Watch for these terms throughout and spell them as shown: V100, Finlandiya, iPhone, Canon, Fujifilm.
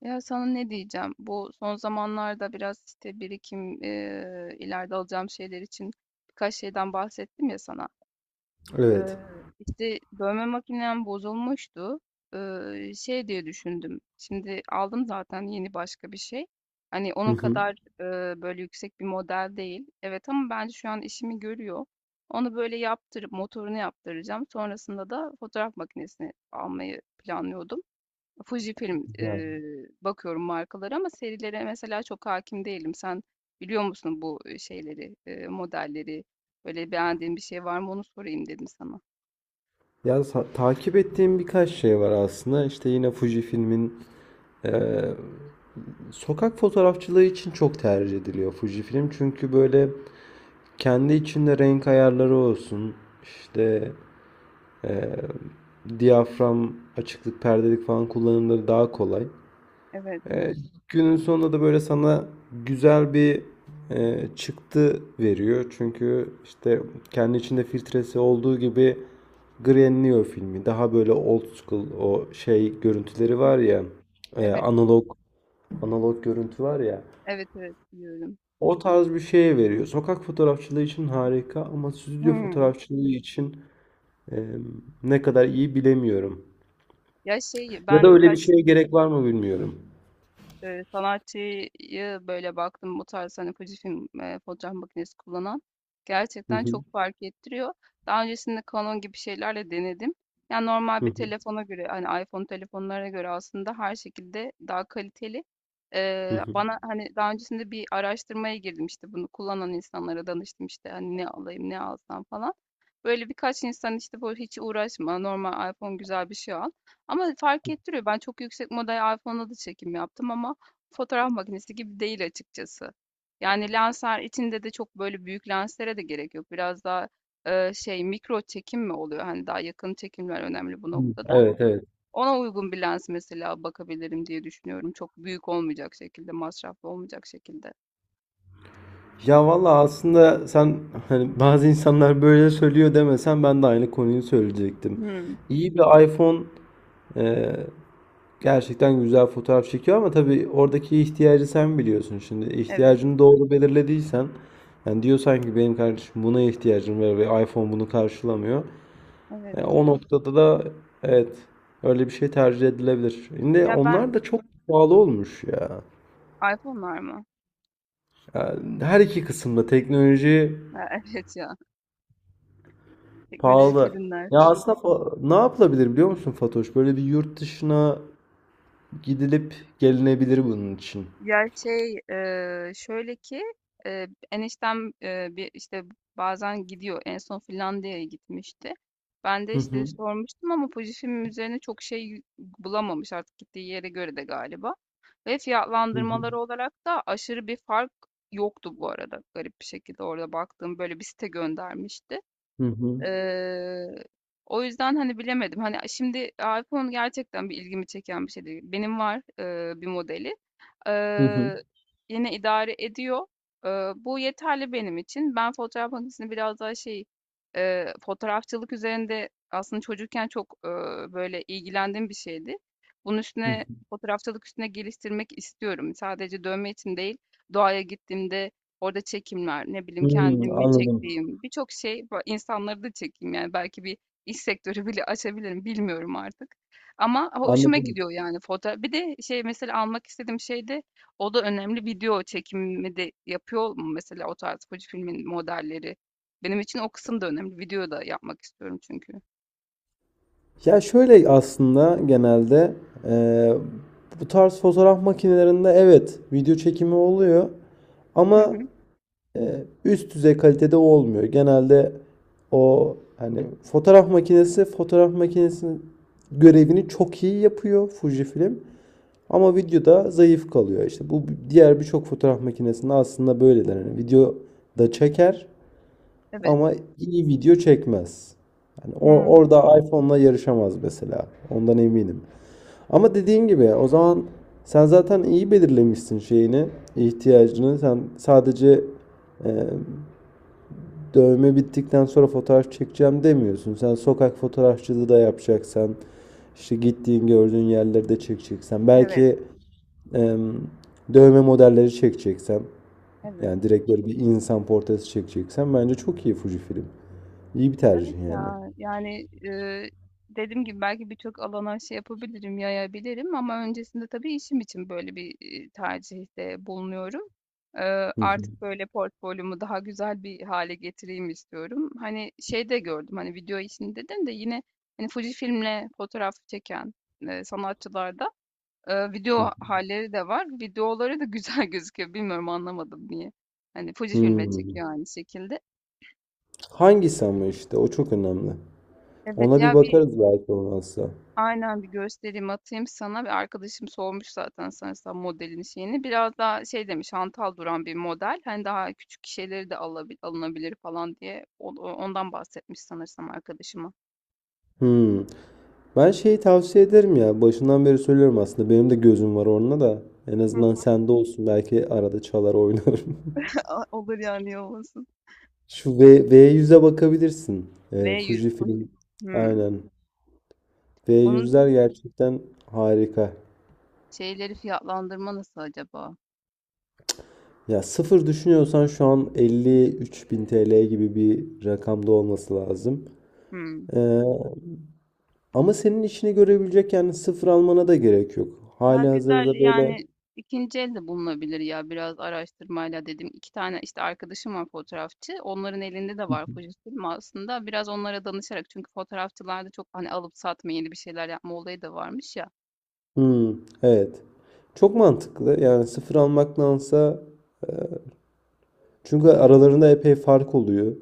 Ya, sana ne diyeceğim? Bu son zamanlarda biraz işte birikim, ileride alacağım şeyler için birkaç şeyden bahsettim ya sana. Evet. Eee işte dövme makinem bozulmuştu. Şey diye düşündüm. Şimdi aldım zaten yeni başka bir şey. Hani Hı onun hı. kadar böyle yüksek bir model değil. Evet, ama bence şu an işimi görüyor. Onu böyle yaptırıp motorunu yaptıracağım. Sonrasında da fotoğraf makinesini almayı planlıyordum. Fujifilm, Güzel. Bakıyorum markalara ama serilere mesela çok hakim değilim. Sen biliyor musun bu şeyleri, modelleri? Böyle beğendiğin bir şey var mı onu sorayım dedim sana. Ya takip ettiğim birkaç şey var aslında. İşte yine Fujifilm'in eee, sokak fotoğrafçılığı için çok tercih ediliyor Fujifilm. Çünkü böyle kendi içinde renk ayarları olsun. İşte eee, diyafram, açıklık, perdelik falan kullanımları daha kolay. Evet. E, Günün sonunda da böyle sana güzel bir çıktı veriyor. Çünkü işte kendi içinde filtresi olduğu gibi grainliyor filmi. Daha böyle old school o şey görüntüleri var Hıı. ya, e, Evet. analog analog görüntü var ya. Evet, evet, biliyorum. O tarz bir şeye veriyor. Sokak fotoğrafçılığı için harika ama stüdyo Hıı. fotoğrafçılığı için e, ne kadar iyi bilemiyorum. Ya, şey, Ya da ben öyle bir birkaç şeye gerek var mı bilmiyorum. Sanatçıyı böyle baktım bu tarz, hani Fujifilm, fotoğraf makinesi kullanan, Hı gerçekten çok hı, fark ettiriyor. Daha öncesinde Canon gibi şeylerle denedim. Yani normal hı bir hı, telefona göre, hani iPhone telefonlarına göre aslında her şekilde daha kaliteli. hı Eee, hı. bana hani daha öncesinde bir araştırmaya girdim, işte bunu kullanan insanlara danıştım, işte hani ne alayım, ne alsam falan. Böyle birkaç insan işte, bu hiç uğraşma, normal iPhone, güzel bir şey al. Ama fark ettiriyor. Ben çok yüksek model iPhone'la da çekim yaptım ama fotoğraf makinesi gibi değil açıkçası. Yani lensler içinde de çok böyle büyük lenslere de gerek yok. Biraz daha şey, mikro çekim mi oluyor? Hani daha yakın çekimler önemli bu Hı, noktada. evet, evet. Ona uygun bir lens mesela bakabilirim diye düşünüyorum. Çok büyük olmayacak şekilde, masraflı olmayacak şekilde. Ya valla aslında sen hani bazı insanlar böyle söylüyor demesen ben de aynı konuyu söyleyecektim. Hmm, İyi bir iPhone e, gerçekten güzel fotoğraf çekiyor ama tabii oradaki ihtiyacı sen biliyorsun. Şimdi evet, ihtiyacını doğru belirlediysen yani diyorsan ki benim kardeşim buna ihtiyacım var ve iPhone bunu karşılamıyor. Evet. O noktada da evet öyle bir şey tercih edilebilir. Şimdi Ya ben onlar da çok pahalı olmuş ya. iPhone'lar mı? Yani her iki kısımda teknoloji. Ha, evet ya, teknolojik Pahalı. Ya ürünler. aslında ne yapılabilir biliyor musun Fatoş? Böyle bir yurt dışına gidilip gelinebilir bunun için. Ya şey, şöyle ki, eniştem bir işte bazen gidiyor. En son Finlandiya'ya gitmişti. Ben de Hı işte hı. sormuştum ama Fujifilm üzerine çok şey bulamamış, artık gittiği yere göre de galiba. Ve Hı hı. fiyatlandırmaları olarak da aşırı bir fark yoktu bu arada, garip bir şekilde, orada baktığım böyle bir site göndermişti. Hı hı. Eee, o yüzden hani bilemedim. Hani şimdi iPhone gerçekten bir ilgimi çeken bir şey değil. Benim var bir modeli. Hı hı. Eee, yine idare ediyor. Bu yeterli benim için. Ben fotoğraf makinesini biraz daha şey, fotoğrafçılık üzerinde, aslında çocukken çok böyle ilgilendiğim bir şeydi. Bunun Hı üstüne, hı. fotoğrafçılık üstüne geliştirmek istiyorum. Sadece dövme için değil, doğaya gittiğimde orada çekimler, ne bileyim, Hmm, kendimi anladım. çektiğim birçok şey, insanları da çekeyim, yani belki bir iş sektörü bile açabilirim, bilmiyorum artık. Ama hoşuma Anladım. gidiyor yani foto. Bir de şey mesela, almak istediğim şey de, o da önemli, video çekimi de yapıyor mu mesela o tarz Fuji filmin modelleri? Benim için o kısım da önemli. Video da yapmak istiyorum çünkü. Ya şöyle aslında genelde eee, bu tarz fotoğraf makinelerinde evet video çekimi oluyor Hı ama hı. Üst düzey kalitede olmuyor. Genelde o hani fotoğraf makinesinin görevini çok iyi yapıyor Fujifilm. Ama videoda zayıf kalıyor. İşte bu diğer birçok fotoğraf makinesinde aslında böyledir. Hani video da çeker Evet. ama iyi video çekmez. Yani Hmm, orada iPhone'la yarışamaz mesela. Ondan eminim. Ama dediğin gibi o zaman sen zaten iyi belirlemişsin şeyini, ihtiyacını. Sen sadece e, dövme bittikten sonra fotoğraf çekeceğim demiyorsun. Sen sokak fotoğrafçılığı da yapacaksan, işte gittiğin gördüğün yerleri de çekeceksen, evet. belki em, dövme modelleri çekeceksen, Evet. yani direkt böyle bir insan portresi çekeceksen bence çok iyi Fuji film. İyi bir tercih Evet yani. ya, yani dediğim gibi belki birçok alana şey yapabilirim, yayabilirim, ama öncesinde tabii işim için böyle bir tercihte bulunuyorum. Eee, Hı hı, artık böyle portfolyomu daha güzel bir hale getireyim istiyorum. Hani şey de gördüm, hani video işini dedin de, yine hani Fujifilm'le fotoğraf çeken sanatçılarda hı. video halleri de var. Videoları da güzel gözüküyor. Bilmiyorum, anlamadım niye. Hani Fujifilm'le Hmm. çekiyor aynı şekilde. Hangisi ama işte o çok önemli. Evet Ona bir ya. Bakarız belki olmazsa. Aynen, bir göstereyim, atayım sana. Bir arkadaşım sormuş zaten sanırsam modelin şeyini. Biraz daha şey demiş, hantal duran bir model. Hani daha küçük şeyleri de alınabilir falan diye ondan bahsetmiş sanırsam arkadaşıma. Hmm. Ben şeyi tavsiye ederim ya. Başından beri söylüyorum aslında. Benim de gözüm var onunla da. En azından sende olsun. Belki arada çalar oynarım. Olur, yani, iyi olmasın. Şu V, V100'e bakabilirsin. V100 poşet. Fujifilm. Hmm. Aynen. V Onun yüzler gerçekten harika. şeyleri, fiyatlandırma nasıl acaba? Ya sıfır düşünüyorsan şu an 53.000 TL gibi bir rakamda olması lazım. Hmm. Ee, Ama senin işini görebilecek yani sıfır almana da gerek yok. Ya Halihazırda güzel böyle. yani, ikinci el de bulunabilir ya, biraz araştırmayla dedim. İki tane işte arkadaşım var fotoğrafçı. Onların elinde de var Fuji aslında. Biraz onlara danışarak, çünkü fotoğrafçılarda çok hani alıp satma, yeni bir şeyler yapma olayı da varmış ya. Hmm, evet. Çok mantıklı. Yani 0 almaktansa çünkü aralarında epey fark oluyor.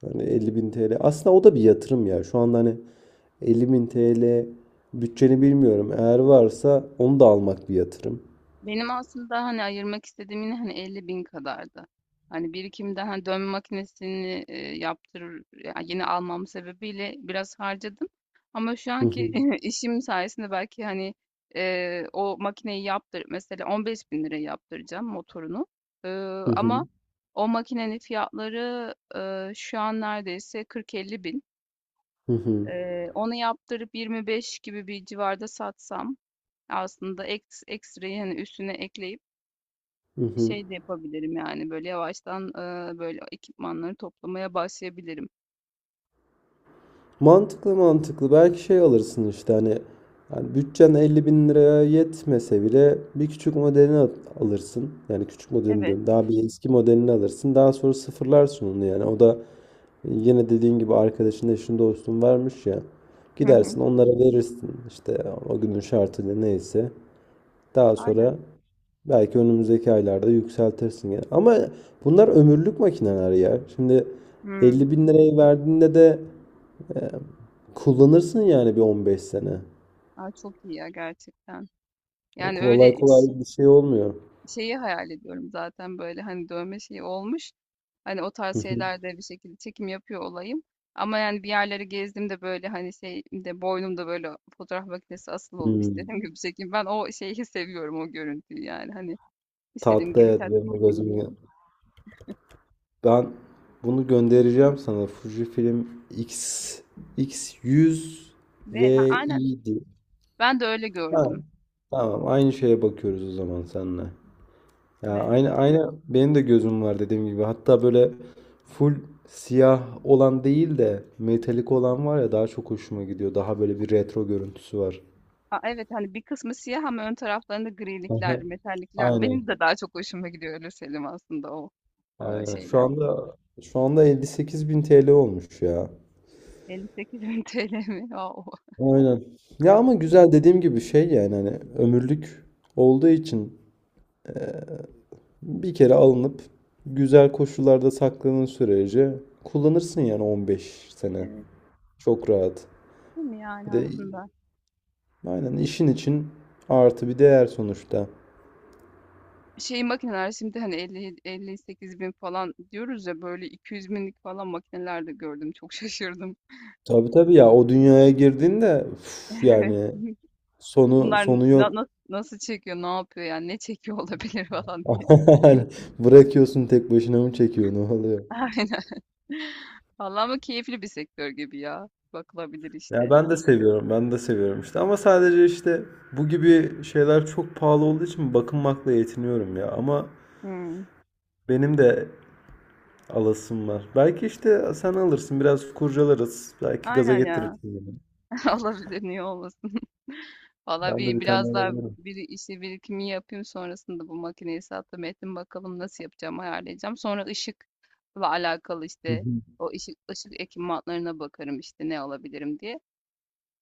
Hani 50.000 TL. Aslında o da bir yatırım ya. Şu anda hani 50.000 TL bütçeni bilmiyorum. Eğer varsa onu da almak bir yatırım. Benim aslında hani ayırmak istediğim yine hani 50 bin kadardı. Hani birikimde, hani dövme makinesini yaptırır ya, yeni almam sebebiyle biraz harcadım. Ama şu Hı hı. anki işim sayesinde belki hani o makineyi yaptır mesela, 15 bin liraya yaptıracağım motorunu. E, Hı hı. ama o makinenin fiyatları şu an neredeyse 40-50 bin. Hı hı. Onu yaptırıp 25 gibi bir civarda satsam, aslında ekstrayı hani üstüne ekleyip Hı hı. şey de yapabilirim, yani, böyle, yavaştan, böyle, ekipmanları toplamaya başlayabilirim. Mantıklı mantıklı. Belki şey alırsın işte hani yani bütçen 50 bin liraya yetmese bile bir küçük modelini alırsın. Yani küçük modelini Evet. diyorum. Daha bir eski modelini alırsın. Daha sonra sıfırlarsın onu yani. O da yine dediğin gibi arkadaşın eşin dostun vermiş ya. Hı hı. Gidersin onlara verirsin işte o günün şartıyla neyse. Daha Aynen. sonra belki önümüzdeki aylarda yükseltirsin yani. Ama bunlar ömürlük makineler ya. Şimdi Hımm. 50 bin lirayı verdiğinde de e, kullanırsın yani bir 15 sene. A, çok iyi ya gerçekten. Yani Yani, öyle, kolay kolay bir şey olmuyor. şeyi hayal ediyorum zaten, böyle, hani, dövme şeyi olmuş, hani, o Hı tarz hı. şeylerde bir şekilde çekim yapıyor olayım, ama, yani, bir yerleri gezdiğimde, böyle, hani, şeyimde, boynumda, böyle, fotoğraf makinesi asılı olup Hmm. istediğim gibi çekeyim. Ben o şeyi seviyorum, o görüntüyü, yani, hani, istediğim Tatlı gibi evet tat benim de çekeyim, gözümü. yani. Ben bunu göndereceğim sana. Fujifilm X X100 Ha, ve aynen. iyiydi. Ben de öyle Ha, gördüm. tamam aynı şeye bakıyoruz o zaman seninle. Ya Evet. aynı aynı benim de gözüm var dediğim gibi. Hatta böyle full siyah olan değil de metalik olan var ya daha çok hoşuma gidiyor. Daha böyle bir retro görüntüsü var. A, evet, hani bir kısmı siyah ama ön taraflarında Aha, grilikler, metallikler. Benim aynen. de daha çok hoşuma gidiyor, öyle söyleyeyim aslında o Aynen. Şu şeyler. anda şu anda 58 bin TL olmuş ya. 58 bin TL mi? Oo, Aynen. Ya ama güzel dediğim gibi şey yani hani ömürlük olduğu için bir kere alınıp güzel koşullarda sakladığın sürece kullanırsın yani 15 sene. evet, Çok rahat. değil mi Bir yani de aslında? aynen işin için artı bir değer sonuçta. Şey makineler şimdi hani 50, 58 bin falan diyoruz ya, böyle 200 binlik falan makineler de gördüm. Çok şaşırdım. Tabii tabii ya o dünyaya girdiğinde üf, Evet. yani sonu Bunlar sonu yok. Nasıl çekiyor, ne yapıyor, yani ne çekiyor olabilir falan diye. Aynen. Bırakıyorsun tek başına mı çekiyor ne oluyor? Aynen. Vallahi ama keyifli bir sektör gibi ya. Bakılabilir Ya işte. ben de seviyorum işte ama sadece işte bu gibi şeyler çok pahalı olduğu için bakınmakla yetiniyorum ya ama Hmm. benim de alasım var. Belki işte sen alırsın, biraz kurcalarız, belki gaza Aynen ya. getirirsin beni. Olabilir, niye olmasın. Valla Ben de bir, bir tane biraz daha alabilirim. bir işi birikimi yapayım, sonrasında bu makineyi sattım ettim bakalım nasıl yapacağım, ayarlayacağım. Sonra ışıkla alakalı Hı işte hı. o ışık ekipmanlarına bakarım işte ne alabilirim diye.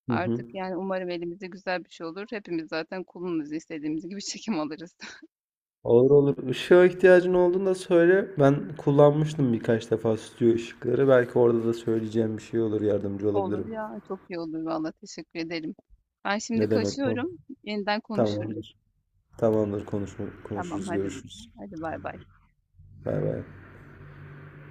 Hı Artık hı. yani umarım elimizde güzel bir şey olur. Hepimiz zaten kulumuz istediğimiz gibi çekim alırız. Olur olur. Işığa ihtiyacın olduğunda söyle. Ben kullanmıştım birkaç defa stüdyo ışıkları. Belki orada da söyleyeceğim bir şey olur, yardımcı Olur olabilirim. ya, çok iyi olur valla, teşekkür ederim. Ben şimdi Ne demek bu? kaçıyorum. Yeniden konuşuruz. Tamamdır. Tamamdır, Tamam, konuşuruz, hadi, görüşürüz. hadi, bay bay. Bay bay.